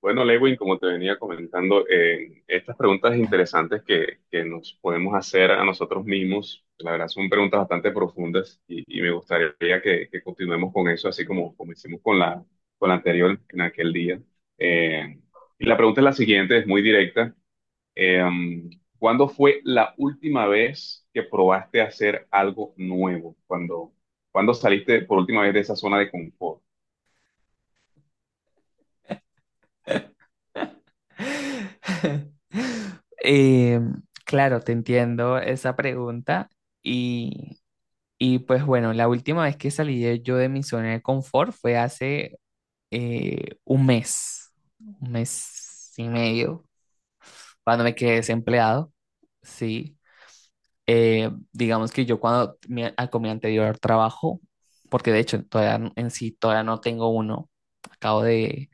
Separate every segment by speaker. Speaker 1: Bueno, Lewin, como te venía comentando, estas preguntas interesantes que nos podemos hacer a nosotros mismos, la verdad son preguntas bastante profundas y me gustaría que continuemos con eso, así como hicimos con la anterior en aquel día. Eh, y la pregunta es la siguiente, es muy directa. Eh, ¿Cuándo fue la última vez que probaste hacer algo nuevo? ¿Cuándo saliste por última vez de esa zona de confort?
Speaker 2: Eh, claro, te entiendo esa pregunta. Y, y, pues bueno, la última vez que salí yo de mi zona de confort fue hace eh, un mes, un mes y medio, cuando me quedé desempleado. Sí. Digamos que yo con mi anterior trabajo, porque de hecho todavía en sí todavía no tengo uno, acabo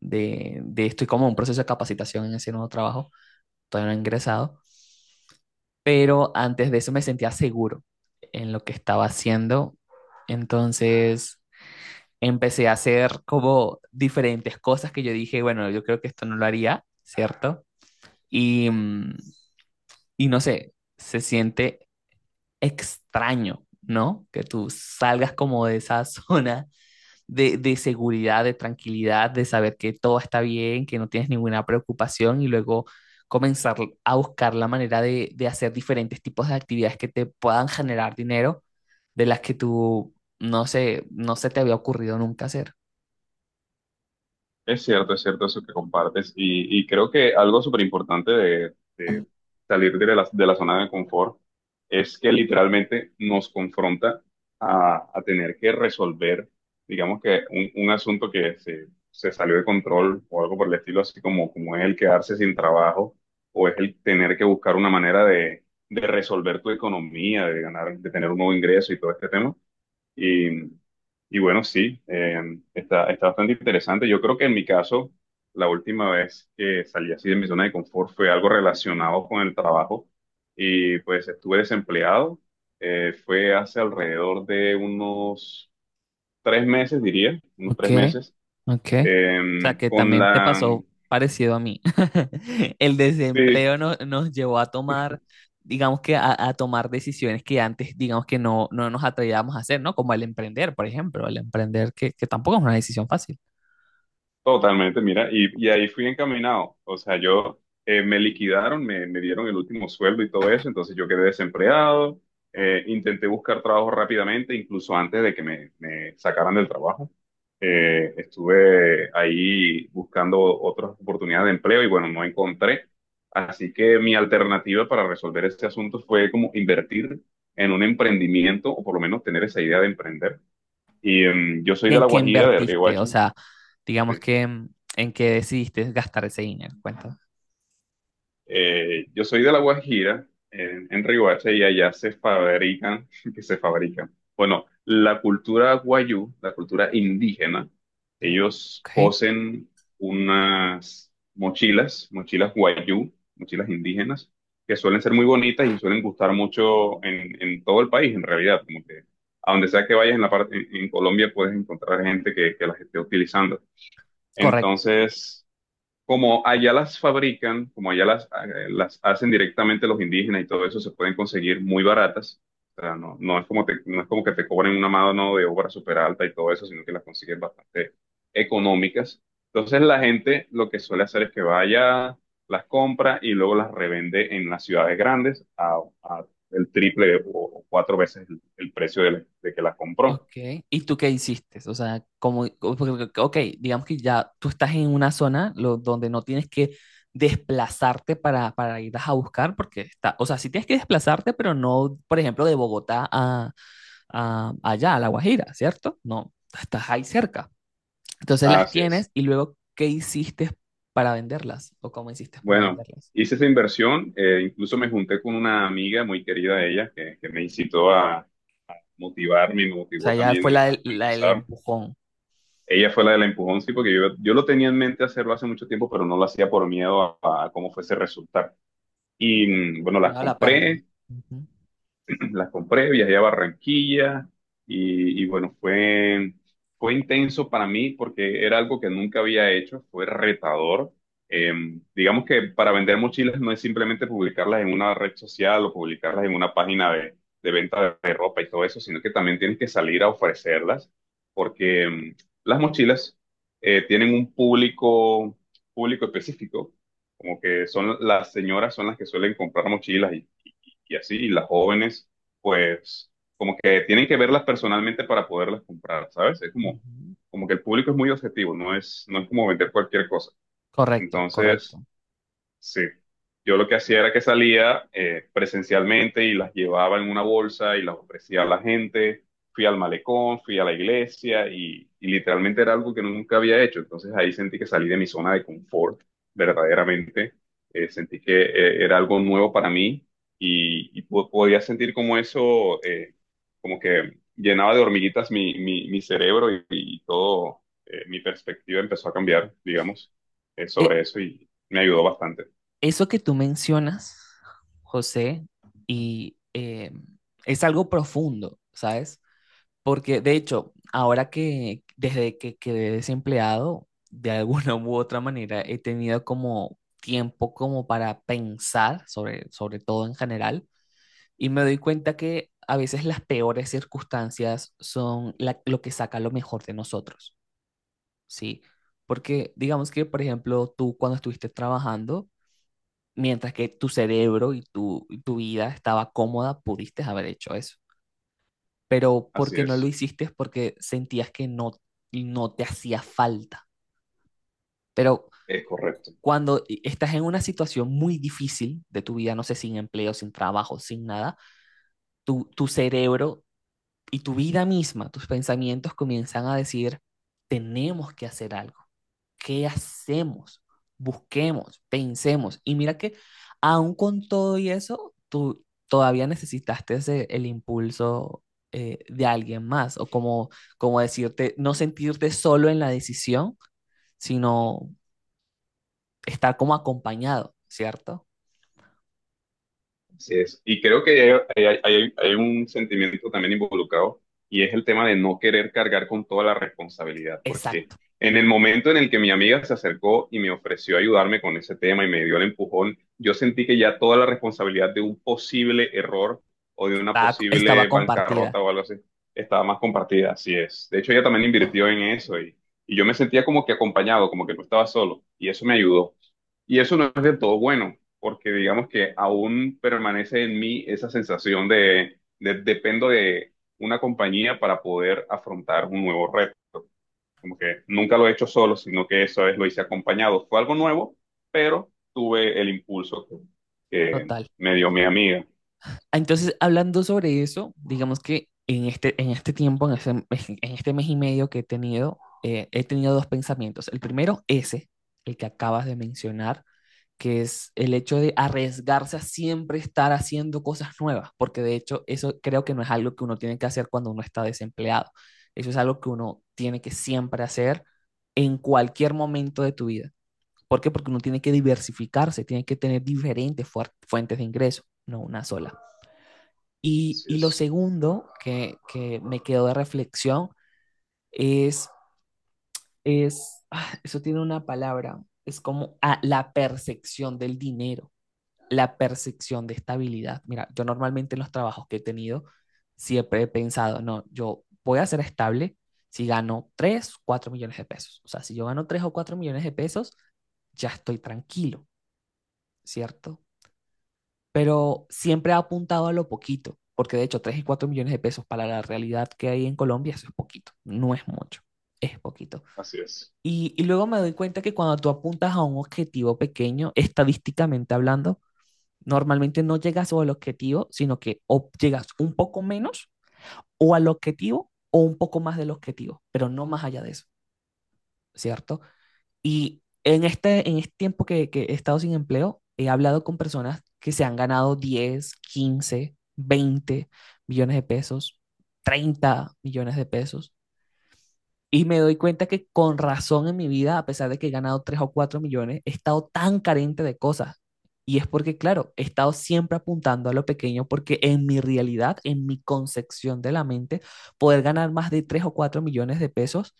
Speaker 2: de estoy como en un proceso de capacitación en ese nuevo trabajo, todavía no he ingresado, pero antes de eso me sentía seguro en lo que estaba haciendo. Entonces empecé a hacer como diferentes cosas que yo dije, bueno, yo creo que esto no lo haría, ¿cierto? Y, mm, y no sé, se siente extraño, ¿no? Que tú salgas como de esa zona de seguridad, de tranquilidad, de saber que todo está bien, que no tienes ninguna preocupación y luego comenzar a buscar la manera de hacer diferentes tipos de actividades que te puedan generar dinero de las que tú, no sé, no se te había ocurrido nunca hacer.
Speaker 1: Es cierto eso que compartes y creo que algo súper importante de salir de la zona de confort es que literalmente nos confronta a tener que resolver, digamos que un asunto que se salió de control o algo por el estilo, así como es el quedarse sin trabajo o es el tener que buscar una manera de resolver tu economía, de ganar, de tener un nuevo ingreso y todo este tema y, y bueno, sí, está bastante interesante. Yo creo que en mi caso, la última vez que salí así de mi zona de confort fue algo relacionado con el trabajo y pues estuve desempleado. Fue hace alrededor de unos 3 meses, diría, unos
Speaker 2: Ok,
Speaker 1: 3 meses.
Speaker 2: ok. O sea
Speaker 1: eh,
Speaker 2: que
Speaker 1: con
Speaker 2: también te
Speaker 1: la,
Speaker 2: pasó parecido a mí. El
Speaker 1: sí.
Speaker 2: desempleo nos llevó a tomar, digamos que a tomar decisiones que antes, digamos que no, no nos atrevíamos a hacer, ¿no? Como el emprender, por ejemplo, el emprender que tampoco es una decisión fácil.
Speaker 1: Totalmente, mira, y ahí fui encaminado. O sea, yo me liquidaron, me dieron el último sueldo y todo eso, entonces yo quedé desempleado. Intenté buscar trabajo rápidamente, incluso antes de que me sacaran del trabajo. Estuve ahí buscando otras oportunidades de empleo y bueno, no encontré. Así que mi alternativa para resolver este asunto fue como invertir en un emprendimiento o por lo menos tener esa idea de emprender. Yo soy
Speaker 2: ¿Y
Speaker 1: de
Speaker 2: en
Speaker 1: La
Speaker 2: qué
Speaker 1: Guajira, de
Speaker 2: invertiste? O
Speaker 1: Riohacha.
Speaker 2: sea, digamos que en qué decidiste gastar ese dinero, cuenta.
Speaker 1: Yo soy de La Guajira, en Riohacha, y allá se fabrican, que se fabrican. Bueno, la cultura guayú, la cultura indígena, ellos
Speaker 2: Ok,
Speaker 1: cosen unas mochilas, mochilas guayú, mochilas indígenas, que suelen ser muy bonitas y suelen gustar mucho en todo el país, en realidad, como que a donde sea que vayas en la parte, en Colombia puedes encontrar gente que las esté utilizando.
Speaker 2: correcto.
Speaker 1: Entonces, como allá las las hacen directamente los indígenas y todo eso, se pueden conseguir muy baratas. O sea, no, no es como que te cobren una mano de obra súper alta y todo eso, sino que las consigues bastante económicas. Entonces la gente lo que suele hacer es que vaya, las compra y luego las revende en las ciudades grandes a el triple o cuatro veces el precio de que las compró.
Speaker 2: Ok, ¿y tú qué hiciste? O sea, como, porque, ok, digamos que ya tú estás en una zona donde no tienes que desplazarte para ir a buscar, porque está, o sea, sí tienes que desplazarte, pero no, por ejemplo, de Bogotá a, allá, a La Guajira, ¿cierto? No, estás ahí cerca. Entonces las
Speaker 1: Así es.
Speaker 2: tienes y luego, ¿qué hiciste para venderlas? ¿O cómo hiciste para
Speaker 1: Bueno,
Speaker 2: venderlas?
Speaker 1: hice esa inversión, incluso me junté con una amiga muy querida de ella que me incitó a motivarme y me
Speaker 2: O sea,
Speaker 1: motivó
Speaker 2: ya fue
Speaker 1: también
Speaker 2: la
Speaker 1: a
Speaker 2: del, la del
Speaker 1: empezar.
Speaker 2: empujón,
Speaker 1: Ella fue la del empujón, sí, porque yo lo tenía en mente hacerlo hace mucho tiempo, pero no lo hacía por miedo a cómo fuese a resultar. Bueno, las
Speaker 2: miedo a la pérdida.
Speaker 1: compré,
Speaker 2: Ujú,
Speaker 1: las compré, viajé a Barranquilla y bueno, fue intenso para mí porque era algo que nunca había hecho, fue retador. Eh, digamos que para vender mochilas no es simplemente publicarlas en una red social o publicarlas en una página de venta de ropa y todo eso, sino que también tienes que salir a ofrecerlas porque las mochilas tienen un público, público específico, como que son las señoras son las que suelen comprar mochilas y así, y las jóvenes pues como que tienen que verlas personalmente para poderlas comprar, ¿sabes? Es como,
Speaker 2: ujú.
Speaker 1: como que el público es muy objetivo, no es como vender cualquier cosa.
Speaker 2: Correcto,
Speaker 1: Entonces,
Speaker 2: correcto.
Speaker 1: sí, yo lo que hacía era que salía presencialmente y las llevaba en una bolsa y las ofrecía a la gente. Fui al malecón, fui a la iglesia y literalmente era algo que nunca había hecho. Entonces ahí sentí que salí de mi zona de confort, verdaderamente. Sentí que era algo nuevo para mí y podía sentir como eso, como que llenaba de hormiguitas mi cerebro y todo, mi perspectiva empezó a cambiar, digamos,
Speaker 2: Eh,
Speaker 1: sobre eso y me ayudó bastante.
Speaker 2: Eso que tú mencionas, José, y es algo profundo, ¿sabes? Porque de hecho, ahora que desde que quedé desempleado, de alguna u otra manera he tenido como tiempo como para pensar sobre todo en general y me doy cuenta que a veces las peores circunstancias son lo que saca lo mejor de nosotros, ¿sí? Porque digamos que, por ejemplo, tú cuando estuviste trabajando, mientras que tu cerebro y tu vida estaba cómoda, pudiste haber hecho eso. Pero
Speaker 1: Así
Speaker 2: porque no lo hiciste es porque sentías que no, no te hacía falta. Pero
Speaker 1: es correcto,
Speaker 2: cuando estás en una situación muy difícil de tu vida, no sé, sin empleo, sin trabajo, sin nada, tu cerebro y tu vida misma, tus pensamientos comienzan a decir, tenemos que hacer algo. ¿Qué hacemos? Busquemos, pensemos. Y mira que aún con todo y eso, tú todavía necesitaste el impulso, de alguien más, o como, como decirte, no sentirte solo en la decisión, sino estar como acompañado, ¿cierto?
Speaker 1: así es. Y creo que hay un sentimiento también involucrado y es el tema de no querer cargar con toda la responsabilidad, porque
Speaker 2: Exacto.
Speaker 1: en el momento en el que mi amiga se acercó y me ofreció ayudarme con ese tema y me dio el empujón, yo sentí que ya toda la responsabilidad de un posible error o de una
Speaker 2: Estaba
Speaker 1: posible bancarrota
Speaker 2: compartida.
Speaker 1: o algo así estaba más compartida, así es. De hecho, ella también invirtió en eso y yo me sentía como que acompañado, como que no estaba solo y eso me ayudó. Y eso no es del todo bueno, porque digamos que aún permanece en mí esa sensación dependo de una compañía para poder afrontar un nuevo reto. Como que nunca lo he hecho solo, sino que esa vez lo hice acompañado. Fue algo nuevo, pero tuve el impulso que
Speaker 2: Total.
Speaker 1: me dio mi amiga.
Speaker 2: Entonces, hablando sobre eso, digamos que en este tiempo, en este mes y medio que he tenido dos pensamientos. El primero, ese, el que acabas de mencionar, que es el hecho de arriesgarse a siempre estar haciendo cosas nuevas, porque de hecho eso creo que no es algo que uno tiene que hacer cuando uno está desempleado. Eso es algo que uno tiene que siempre hacer en cualquier momento de tu vida. ¿Por qué? Porque uno tiene que diversificarse, tiene que tener diferentes fuentes de ingreso, no una sola. Y,
Speaker 1: Así
Speaker 2: y lo
Speaker 1: es,
Speaker 2: segundo que me quedó de reflexión es, ah, eso tiene una palabra, es como ah, la percepción del dinero, la percepción de estabilidad. Mira, yo normalmente en los trabajos que he tenido siempre he pensado, no, yo voy a ser estable si gano 3 4 millones de pesos. O sea, si yo gano 3 o 4 millones de pesos, ya estoy tranquilo, ¿cierto? Pero siempre ha apuntado a lo poquito, porque de hecho 3 y 4 millones de pesos para la realidad que hay en Colombia, eso es poquito, no es mucho, es poquito.
Speaker 1: así es,
Speaker 2: Y luego me doy cuenta que cuando tú apuntas a un objetivo pequeño, estadísticamente hablando, normalmente no llegas al objetivo, sino que o llegas un poco menos o al objetivo o un poco más del objetivo, pero no más allá de eso, ¿cierto? Y en este tiempo que he estado sin empleo, he hablado con personas que se han ganado 10 15 20 millones de pesos, 30 millones de pesos. Y me doy cuenta que con razón en mi vida, a pesar de que he ganado 3 o 4 millones, he estado tan carente de cosas. Y es porque, claro, he estado siempre apuntando a lo pequeño porque en mi realidad, en mi concepción de la mente, poder ganar más de 3 o 4 millones de pesos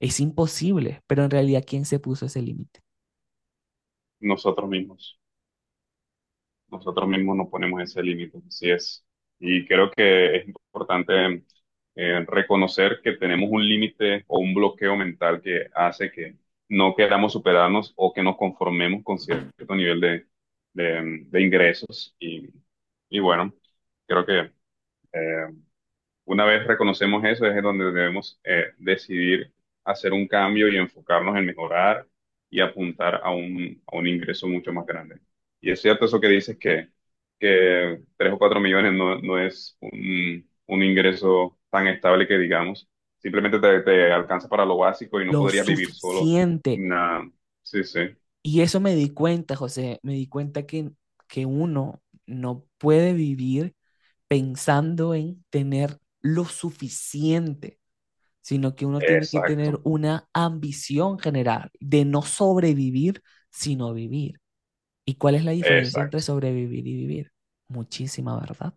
Speaker 2: es imposible. Pero en realidad, ¿quién se puso ese límite?
Speaker 1: nosotros mismos. Nosotros mismos nos ponemos ese límite, así es. Y creo que es importante reconocer que tenemos un límite o un bloqueo mental que hace que no queramos superarnos o que nos conformemos con cierto nivel de ingresos. Y bueno, creo que eh, una vez reconocemos eso, es donde debemos decidir hacer un cambio y enfocarnos en mejorar y apuntar a un ingreso mucho más grande. Y es cierto eso que dices que 3 o 4 millones no, no es un ingreso tan estable que digamos. Simplemente te alcanza para lo básico y no
Speaker 2: Lo
Speaker 1: podrías vivir solo.
Speaker 2: suficiente.
Speaker 1: Nada. Sí, sí.
Speaker 2: Y eso me di cuenta, José, me di cuenta que uno no puede vivir pensando en tener lo suficiente, sino que uno tiene que tener
Speaker 1: Exacto,
Speaker 2: una ambición general de no sobrevivir, sino vivir. ¿Y cuál es la diferencia entre
Speaker 1: exacto.
Speaker 2: sobrevivir y vivir? Muchísima, ¿verdad?